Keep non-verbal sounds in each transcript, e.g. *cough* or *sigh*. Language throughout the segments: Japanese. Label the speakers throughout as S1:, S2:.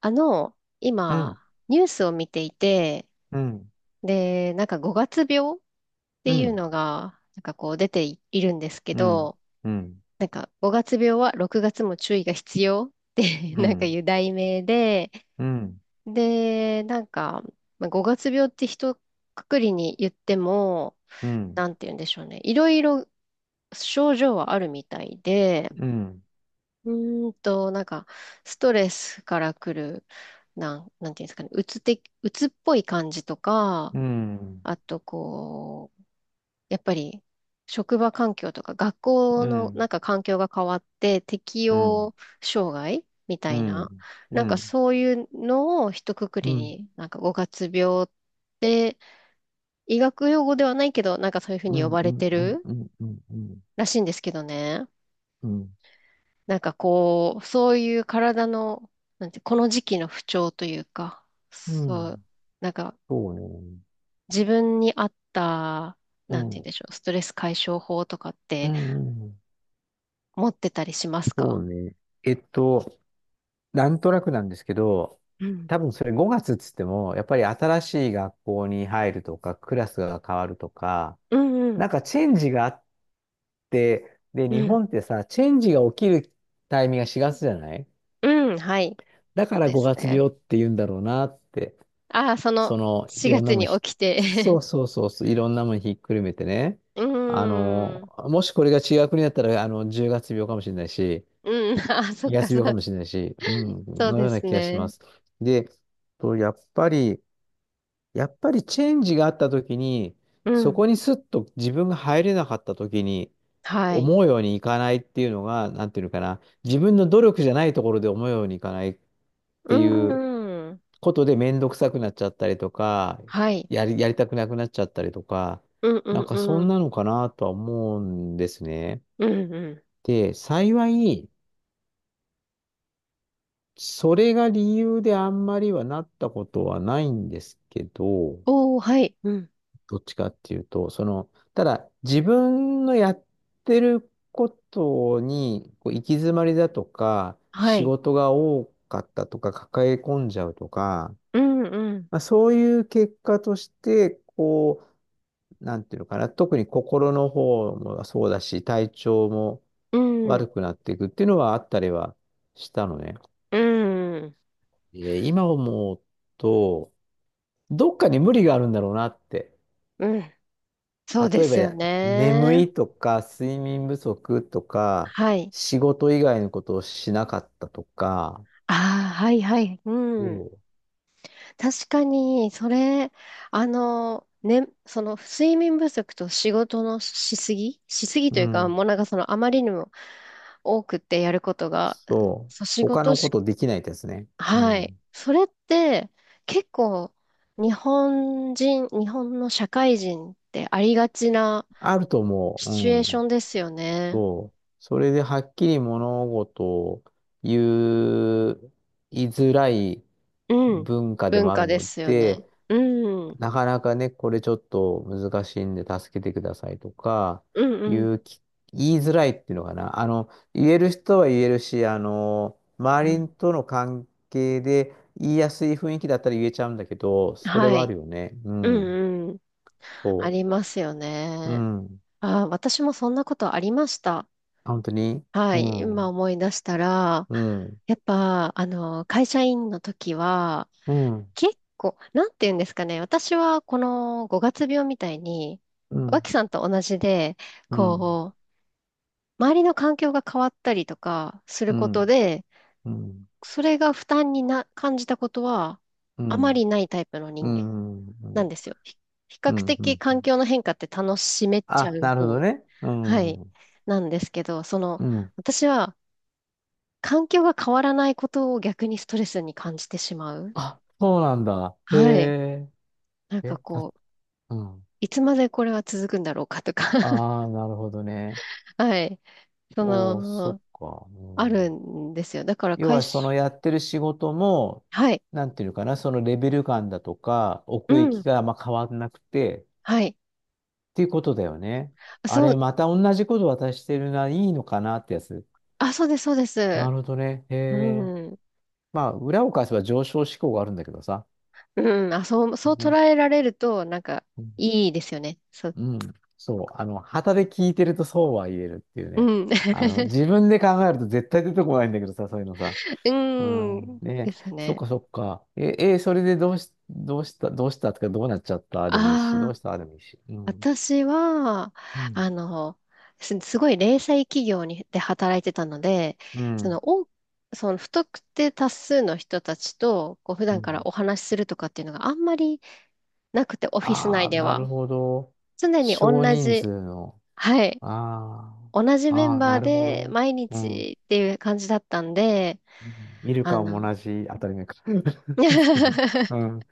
S1: うん。
S2: 今、ニュースを見ていて、
S1: うん。
S2: で、なんか5月病っ
S1: う
S2: ていう
S1: ん。
S2: のが、なんかこう出ていいるんですけ
S1: うん。
S2: ど、
S1: うん。
S2: なんか5月病は6月も注意が必要って *laughs*
S1: うん。う
S2: なんか
S1: ん。
S2: いう題名で、
S1: うん。
S2: で、なんか、まあ、5月病って一括りに言っても、
S1: うん。
S2: なんて言うんでしょうね。いろいろ症状はあるみたいで、
S1: うん。
S2: うなんか、ストレスから来る、なんていうんですかね、うつっぽい感じとか、
S1: うん。
S2: あと、こう、やっぱり、職場環境とか、学校
S1: う
S2: の、なん
S1: ん。
S2: か環境が変わって、適
S1: うん。うん。
S2: 応障害みた
S1: う
S2: い
S1: ん。う
S2: な、
S1: ん。う
S2: なんか
S1: ん。
S2: そういうのを一括
S1: うん。
S2: り
S1: うん。
S2: に、なんか五月病って、医学用語ではないけど、なんかそういうふう
S1: う
S2: に呼
S1: ん。
S2: ば
S1: う
S2: れてる
S1: ん。
S2: らしいんですけどね。
S1: うん。
S2: なんかこう、そういう体の、なんて、この時期の不調というか、
S1: う
S2: そう、
S1: ん。
S2: なんか
S1: そうね。
S2: 自分に合った、
S1: う
S2: なんて言うん
S1: ん。
S2: でしょう、ストレス解消法とかっ
S1: う
S2: て
S1: ん。うん。
S2: 持ってたりします
S1: そ
S2: か？
S1: うね。えっと、なんとなくなんですけど、
S2: うん。
S1: 多分それ5月っつっても、やっぱり新しい学校に入るとか、クラスが変わるとか、
S2: うんう
S1: なん
S2: ん。
S1: かチェンジがあっで、
S2: う
S1: 日
S2: ん。
S1: 本ってさ、チェンジが起きるタイミングが4月じゃない。
S2: うん、はい。
S1: だから
S2: です
S1: 5月
S2: ね。
S1: 病って言うんだろうなって、
S2: ああ、その
S1: その、い
S2: 4
S1: ろん
S2: 月
S1: なもん
S2: に
S1: ひ、
S2: 起きて
S1: そうそうそうそう、いろんなもんひっくるめてね。
S2: *laughs* う
S1: あ
S2: ー
S1: の、
S2: ん。
S1: もしこれが違う国だったら、あの、10月病かもしれないし、
S2: うん、ああ、そっ
S1: 2
S2: か、
S1: 月病かもしれないし、うん、
S2: そう
S1: のよ
S2: で
S1: うな
S2: す
S1: 気がしま
S2: ね。
S1: す。で、とやっぱり、やっぱりチェンジがあった時に、
S2: う
S1: そ
S2: ん。
S1: こにスッと自分が入れなかった時に、
S2: はい。
S1: 思うようにいかないっていうのが、なんていうのかな、自分の努力じゃないところで思うようにいかないっ
S2: う
S1: ていう
S2: ーん。
S1: ことで面倒くさくなっちゃったりとか、
S2: はい。
S1: やりたくなくなっちゃったりとか、
S2: うんう
S1: なん
S2: ん
S1: かそ
S2: う
S1: ん
S2: ん。
S1: なのかなとは思うんですね。
S2: うんうん。
S1: で、幸い、それが理由であんまりはなったことはないんですけど、
S2: おー、はい。うん。
S1: どっちかっていうと、その、ただ自分のやってることにこう行き詰まりだとか、
S2: は
S1: 仕
S2: い。
S1: 事が多かったとか、抱え込んじゃうとか、
S2: うん、うん、
S1: まあ、そういう結果として、こう、なんていうのかな、特に心の方もそうだし、体調も
S2: う
S1: 悪
S2: ん、
S1: くなっていくっていうのはあったりはしたのね。
S2: うん、
S1: 今思うと、どっかに無理があるんだろうなって。
S2: うん。そうで
S1: 例
S2: す
S1: え
S2: よ
S1: ば眠
S2: ね。
S1: いとか、睡眠不足とか、
S2: はい。
S1: 仕事以外のことをしなかったとか、
S2: ああ、はい、はい。う
S1: お
S2: ん。
S1: う。
S2: 確かに、それ、あの、ね、その、睡眠不足と仕事のしすぎしすぎと
S1: う
S2: いうか、
S1: ん。
S2: もうなんかその、あまりにも多くってやることが、
S1: そう。
S2: そう、仕
S1: 他
S2: 事
S1: の
S2: し、
S1: ことできないですね。う
S2: はい。
S1: ん。
S2: それって、結構、日本の社会人ってありがちな、
S1: あると思
S2: シ
S1: う。
S2: チュエ
S1: う
S2: ーショ
S1: ん。
S2: ンですよね。
S1: そう。それではっきり物事を言う、言いづらい
S2: うん。
S1: 文化で
S2: 文
S1: もあ
S2: 化
S1: る
S2: で
S1: の
S2: すよね。
S1: で、
S2: うん。うん
S1: なかなかね、これちょっと難しいんで助けてくださいとか、
S2: うん。
S1: 言うき、言いづらいっていうのかな。あの、言える人は言えるし、あの、
S2: う
S1: 周
S2: ん。
S1: りとの関係で言いやすい雰囲気だったら言えちゃうんだけど、それ
S2: は
S1: はある
S2: い。
S1: よね。う
S2: う
S1: ん。
S2: んうん。
S1: そ
S2: ありますよ
S1: う。う
S2: ね。
S1: ん。
S2: あー、私もそんなことありました。
S1: 本当に。
S2: は
S1: う
S2: い。今
S1: ん。
S2: 思い出したら、
S1: うん。
S2: やっぱ、あの、会社員の時は、
S1: うん。
S2: 結構、なんて言うんですかね。私は、この5月病みたいに、
S1: うん。
S2: 脇さんと同じで、
S1: うん。
S2: こう、周りの環境が変わったりとかする
S1: う
S2: こと
S1: ん。
S2: で、
S1: うん。
S2: それが負担にな、感じたことは、
S1: う
S2: あま
S1: ん。
S2: りないタイプの
S1: う
S2: 人間
S1: ん。う
S2: な
S1: ん。
S2: んですよ。比
S1: う
S2: 較
S1: ん。う
S2: 的
S1: ん。
S2: 環境の変化って楽しめちゃ
S1: あ、
S2: う
S1: なるほど
S2: 方、
S1: ね。う
S2: はい、
S1: ん。う
S2: なんですけど、その、
S1: ん。
S2: 私は環境が変わらないことを逆にストレスに感じてしまう。
S1: あ、そうなんだ。へ
S2: はい。
S1: え。
S2: なん
S1: え、
S2: か
S1: た、
S2: こう、
S1: うん。
S2: いつまでこれは続くんだろうかとか *laughs*
S1: ああ、なるほどね。
S2: はい。そ
S1: おー、そっ
S2: の、
S1: か。う
S2: ある
S1: ん、
S2: んですよ。だから
S1: 要
S2: 会
S1: は、その
S2: 社、
S1: やってる仕事も、
S2: はい。
S1: なんていうのかな、そのレベル感だとか、
S2: う
S1: 奥行き
S2: ん。
S1: があんま変わんなくて、っ
S2: はい。
S1: ていうことだよね。あ
S2: そ
S1: れ、
S2: う、
S1: また同じこと渡してるな、いいのかなってやつ。
S2: あ、そうです、そうで
S1: な
S2: す。
S1: るほどね。へえ。
S2: うん。
S1: まあ、裏を返せば上昇志向があるんだけどさ。
S2: うん、あ、そう、そう捉
S1: ね。
S2: えられると、なんか、
S1: うん。
S2: いいですよね。そう、
S1: うん。そう。あの、旗で聞いてるとそうは言えるっていう
S2: う
S1: ね。
S2: ん。
S1: あの、
S2: *laughs*
S1: 自分で考えると絶対出てこないんだけどさ、そういうのさ。う
S2: う
S1: ん。
S2: ん、で
S1: ね、
S2: すよ
S1: そっ
S2: ね。
S1: かそっか。それでどうした、どうしたとか、どうなっちゃったでもいいし、ど
S2: ああ、
S1: うしたでもいいし。うん。
S2: 私は、
S1: うん。
S2: あの、すごい零細企業に、で働いてたので、
S1: う
S2: そ
S1: ん。
S2: の、不特定多数の人たちと、こう、普
S1: う
S2: 段から
S1: ん。
S2: お話しするとかっていうのがあんまりなくて、オフィス
S1: あ
S2: 内
S1: あ、
S2: で
S1: な
S2: は。
S1: るほど。
S2: 常に同
S1: 少人
S2: じ、
S1: 数の。
S2: はい、
S1: あ
S2: 同じ
S1: あ。
S2: メン
S1: ああ、
S2: バ
S1: な
S2: ー
S1: るほ
S2: で
S1: ど。
S2: 毎
S1: うん。うん。
S2: 日っていう感じだったんで、
S1: 見る
S2: あ
S1: かも
S2: の、
S1: 同じ当たり前か。*laughs* そうね。う
S2: *laughs*
S1: ん。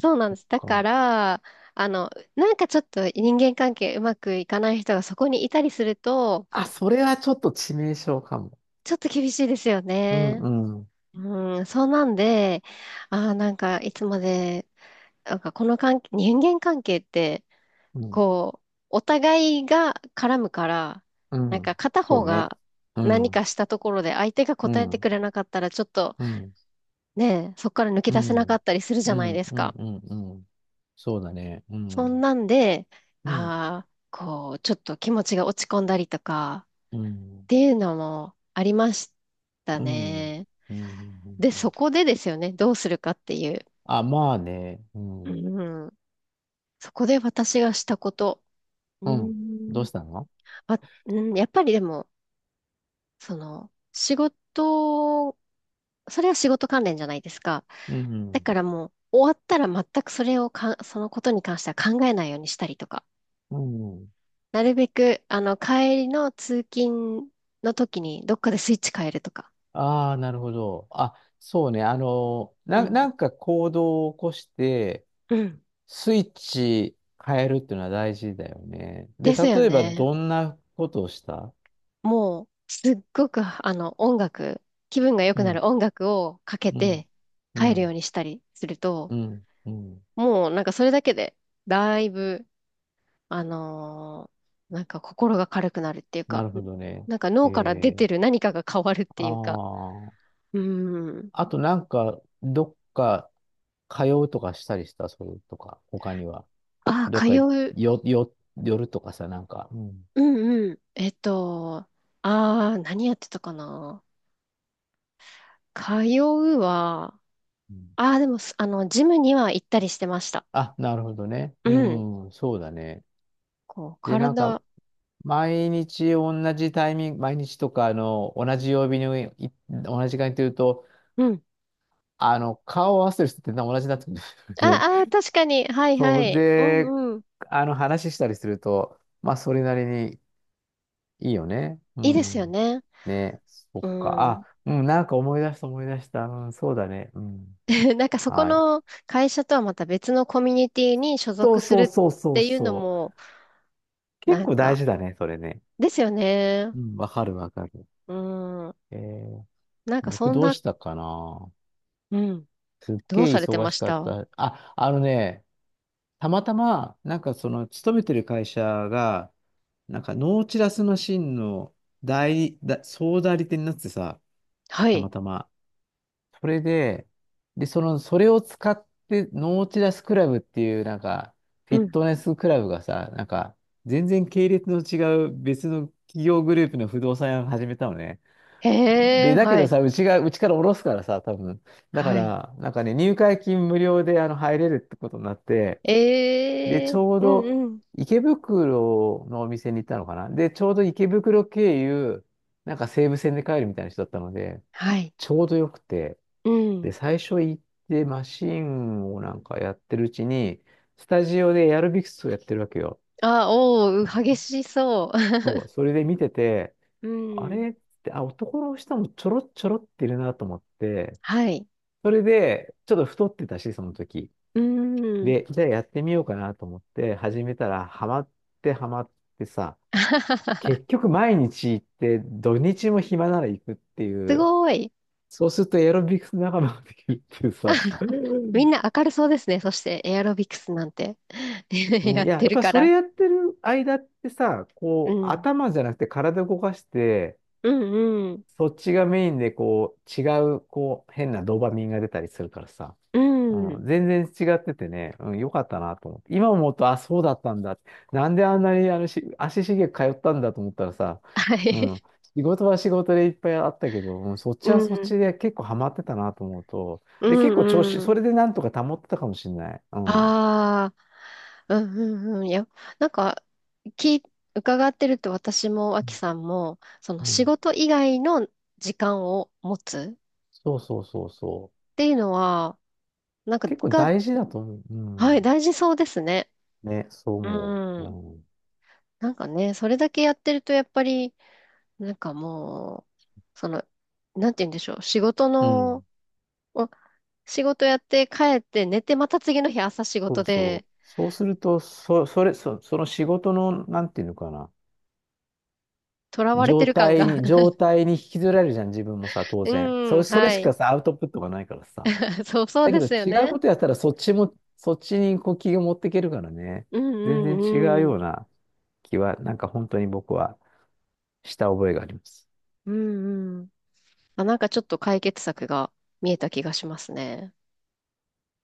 S2: そうなんです。だか
S1: か。
S2: ら、あの、なんかちょっと人間関係うまくいかない人がそこにいたりすると、
S1: あ、それはちょっと致命傷かも。
S2: ちょっと厳しいですよ
S1: うん。
S2: ね。
S1: うん。
S2: うん、そうなんで、あーなんかいつまで、なんかこの関係、人間関係って、
S1: うん。
S2: こう、お互いが絡むから、
S1: う
S2: なんか
S1: ん。
S2: 片
S1: そ
S2: 方
S1: うね。
S2: が
S1: う
S2: 何か
S1: ん。
S2: したところで相手が
S1: う
S2: 答えて
S1: ん。
S2: くれなかったら、ちょっと
S1: うん。
S2: ね、そこから抜け
S1: う
S2: 出せなか
S1: ん。
S2: ったりするじ
S1: う
S2: ゃない
S1: ん。
S2: です
S1: うん。
S2: か。
S1: うん。うん。そうだね。う
S2: そん
S1: ん。
S2: なんで、
S1: うん。
S2: ああ、こう、ちょっと気持ちが落ち込んだりとか、
S1: う
S2: っ
S1: ん。
S2: ていうのもありました
S1: うん。
S2: ね。
S1: うん。
S2: で、そこでですよね、どうするかっていう。
S1: あ、まあね。うん。
S2: うん、そこで私がしたこと。う
S1: うん。どう
S2: ん、
S1: したの？
S2: あ、うん、やっぱりでも、その、それは仕事関連じゃないですか。
S1: う
S2: だ
S1: ん。
S2: からもう、終わったら全くそれをか、そのことに関しては考えないようにしたりとか。
S1: うん。
S2: なるべく、あの、帰りの通勤の時に、どっかでスイッチ変えるとか。
S1: ああ、なるほど。あ、そうね。あの、
S2: うん。
S1: なんか行動を起こして、
S2: うん。
S1: スイッチ変えるっていうのは大事だよね。
S2: で
S1: で、
S2: すよ
S1: 例えば
S2: ね。
S1: どんなことをした？
S2: もう、すっごく、あの、気分が良
S1: う
S2: くな
S1: ん。
S2: る音楽をかけ
S1: うん。
S2: て
S1: う
S2: 帰るよう
S1: ん。
S2: にしたりすると、
S1: うん。うん。
S2: もう、なんかそれだけで、だいぶ、あのーなんか心が軽くなるっていう
S1: な
S2: か、
S1: るほどね。
S2: なんか
S1: え
S2: 脳から出
S1: ー、
S2: てる何かが変わるっ
S1: あ
S2: ていうか、
S1: あ。
S2: うん。
S1: あとなんか、どっか通うとかしたりした、それとか、他には。
S2: ああ、
S1: どっ
S2: 通
S1: かよ、
S2: う。
S1: よ、寄るとかさ、なんか。うん。
S2: うんうん。ああ、何やってたかな。通うは、
S1: うん。
S2: ああ、でも、あの、ジムには行ったりしてました。
S1: あ、なるほどね。
S2: う
S1: う
S2: ん。
S1: ん、そうだね。
S2: こう、
S1: で、なん
S2: 体、
S1: か、毎日同じタイミング、毎日とか、あの、同じ曜日に同じ時間にというと、
S2: うん。
S1: あの、顔を合わせてる人って同じになってくるんですよね。
S2: ああ、確か
S1: *laughs*
S2: に。はい
S1: そ
S2: は
S1: う
S2: い。う
S1: で、
S2: んうん。
S1: あの、話したりすると、まあ、それなりにいいよね。う
S2: いいですよ
S1: ん。
S2: ね。
S1: ね、そっ
S2: う
S1: か。あ、
S2: ん。
S1: うん、なんか思い出した思い出した。うん、そうだね。うん。
S2: *laughs* なんかそこ
S1: はい。
S2: の会社とはまた別のコミュニティに所
S1: そ
S2: 属
S1: う
S2: す
S1: そ
S2: る
S1: うそう
S2: っ
S1: そう
S2: ていうの
S1: そう。
S2: も、
S1: 結
S2: なん
S1: 構大
S2: か、
S1: 事だね、それね。
S2: ですよね。
S1: うん、わかるわかる。
S2: うん。
S1: えー、
S2: なんか
S1: 僕
S2: そん
S1: どう
S2: な、
S1: したかな。
S2: うん。
S1: すっ
S2: どう
S1: げえ
S2: されて
S1: 忙
S2: ま
S1: し
S2: し
S1: かっ
S2: た？
S1: た。あ、あのね、たまたま、なんかその、勤めてる会社が、なんか、ノーチラスマシンの代理、だ、総代理店になってさ、
S2: は
S1: た
S2: い。
S1: またま。それで、で、その、それを使って、ノーチラスクラブっていう、なんか、フィ
S2: う
S1: ッ
S2: ん。
S1: トネスクラブがさ、なんか、全然系列の違う別の企業グループの不動産屋を始めたのね。
S2: へ
S1: で、
S2: え、
S1: だけ
S2: は
S1: ど
S2: い。
S1: さ、うちから下ろすからさ、多分。だか
S2: はい。
S1: ら、なんかね、入会金無料であの入れるってことになって、で、
S2: え
S1: ち
S2: え。
S1: ょう
S2: うん
S1: ど
S2: うん。
S1: 池袋のお店に行ったのかな。で、ちょうど池袋経由、なんか西武線で帰るみたいな人だったので、
S2: はい。
S1: ちょうどよくて、
S2: う
S1: で、
S2: ん。
S1: 最初行ってマシンをなんかやってるうちに、スタジオでエアロビクスをやってるわけよ。
S2: あ、おー、激しそ
S1: そう、それで見てて、
S2: う。*laughs*
S1: あ
S2: うん。
S1: れって、あ、男の人もちょろちょろっているなと思って、
S2: *laughs* はい。
S1: それで、ちょっと太ってたし、その時。
S2: うん。
S1: で、じゃあやってみようかなと思って始めたら、ハマってさ、
S2: *laughs*
S1: 結局毎日行って、土日も暇なら行くってい
S2: す
S1: う、
S2: ごい。
S1: そうするとエアロビクス仲間ができるっていうさ、
S2: *laughs* みんな明るそうですね。そしてエアロビクスなんて *laughs*
S1: もう
S2: や
S1: い
S2: っ
S1: や、
S2: て
S1: やっ
S2: る
S1: ぱり
S2: か
S1: それ
S2: ら。
S1: やってる間ってさ、
S2: う
S1: こう、
S2: ん。
S1: 頭じゃなくて体動かして、
S2: うんうん。
S1: そっちがメインでこう、こう、変なドーパミンが出たりするからさ。
S2: う
S1: うん、
S2: ん。
S1: 全然違っててね、うん、よかったなと思って。今思うと、あ、そうだったんだ。なんであんなにあのし足しげく通ったんだと思ったらさ、
S2: は
S1: うん、
S2: い。
S1: 仕事は仕事でいっぱいあったけど、うん、そっ
S2: う
S1: ちはそっち
S2: ん。
S1: で結構ハマってたなと思うと、
S2: う
S1: で、結構調
S2: ん
S1: 子、
S2: う
S1: そ
S2: ん。
S1: れでなんとか保ってたかもしれない。うん。
S2: ああ、うんうんうん。いや、なんか、き、伺ってると私も、アキさんも、その
S1: う
S2: 仕
S1: ん。
S2: 事以外の時間を持つ
S1: そうそうそうそう。
S2: っていうのは、なんか、
S1: 結構大事だと思う。う
S2: はい、
S1: ん。
S2: 大事そうですね。
S1: ね、そう
S2: う
S1: 思う。う
S2: ん。
S1: ん。
S2: なんかね、それだけやってると、やっぱり、なんかもう、その、なんて言うんでしょう、仕事
S1: う
S2: の、
S1: ん。
S2: お仕事やって帰って寝て、また次の日朝仕
S1: そ
S2: 事
S1: うそ
S2: で、
S1: う。そうすると、そ、それ、そ、その仕事の、なんていうのかな、
S2: 囚われてる感が
S1: 状態に引きずられるじゃん、自分もさ、
S2: *laughs*
S1: 当
S2: う
S1: 然。
S2: ん、
S1: それ
S2: は
S1: し
S2: い。
S1: かさ、アウトプットがないからさ。
S2: *laughs* そう、そう
S1: だけ
S2: で
S1: ど、
S2: すよ
S1: 違う
S2: ね。
S1: ことやったら、そっちにこう気が持っていけるからね。
S2: うん
S1: 全然違う
S2: うんう
S1: よ
S2: ん。
S1: うな気は、なんか本当に僕はした覚えがあります。
S2: うんうん。あ、なんかちょっと解決策が見えた気がしますね。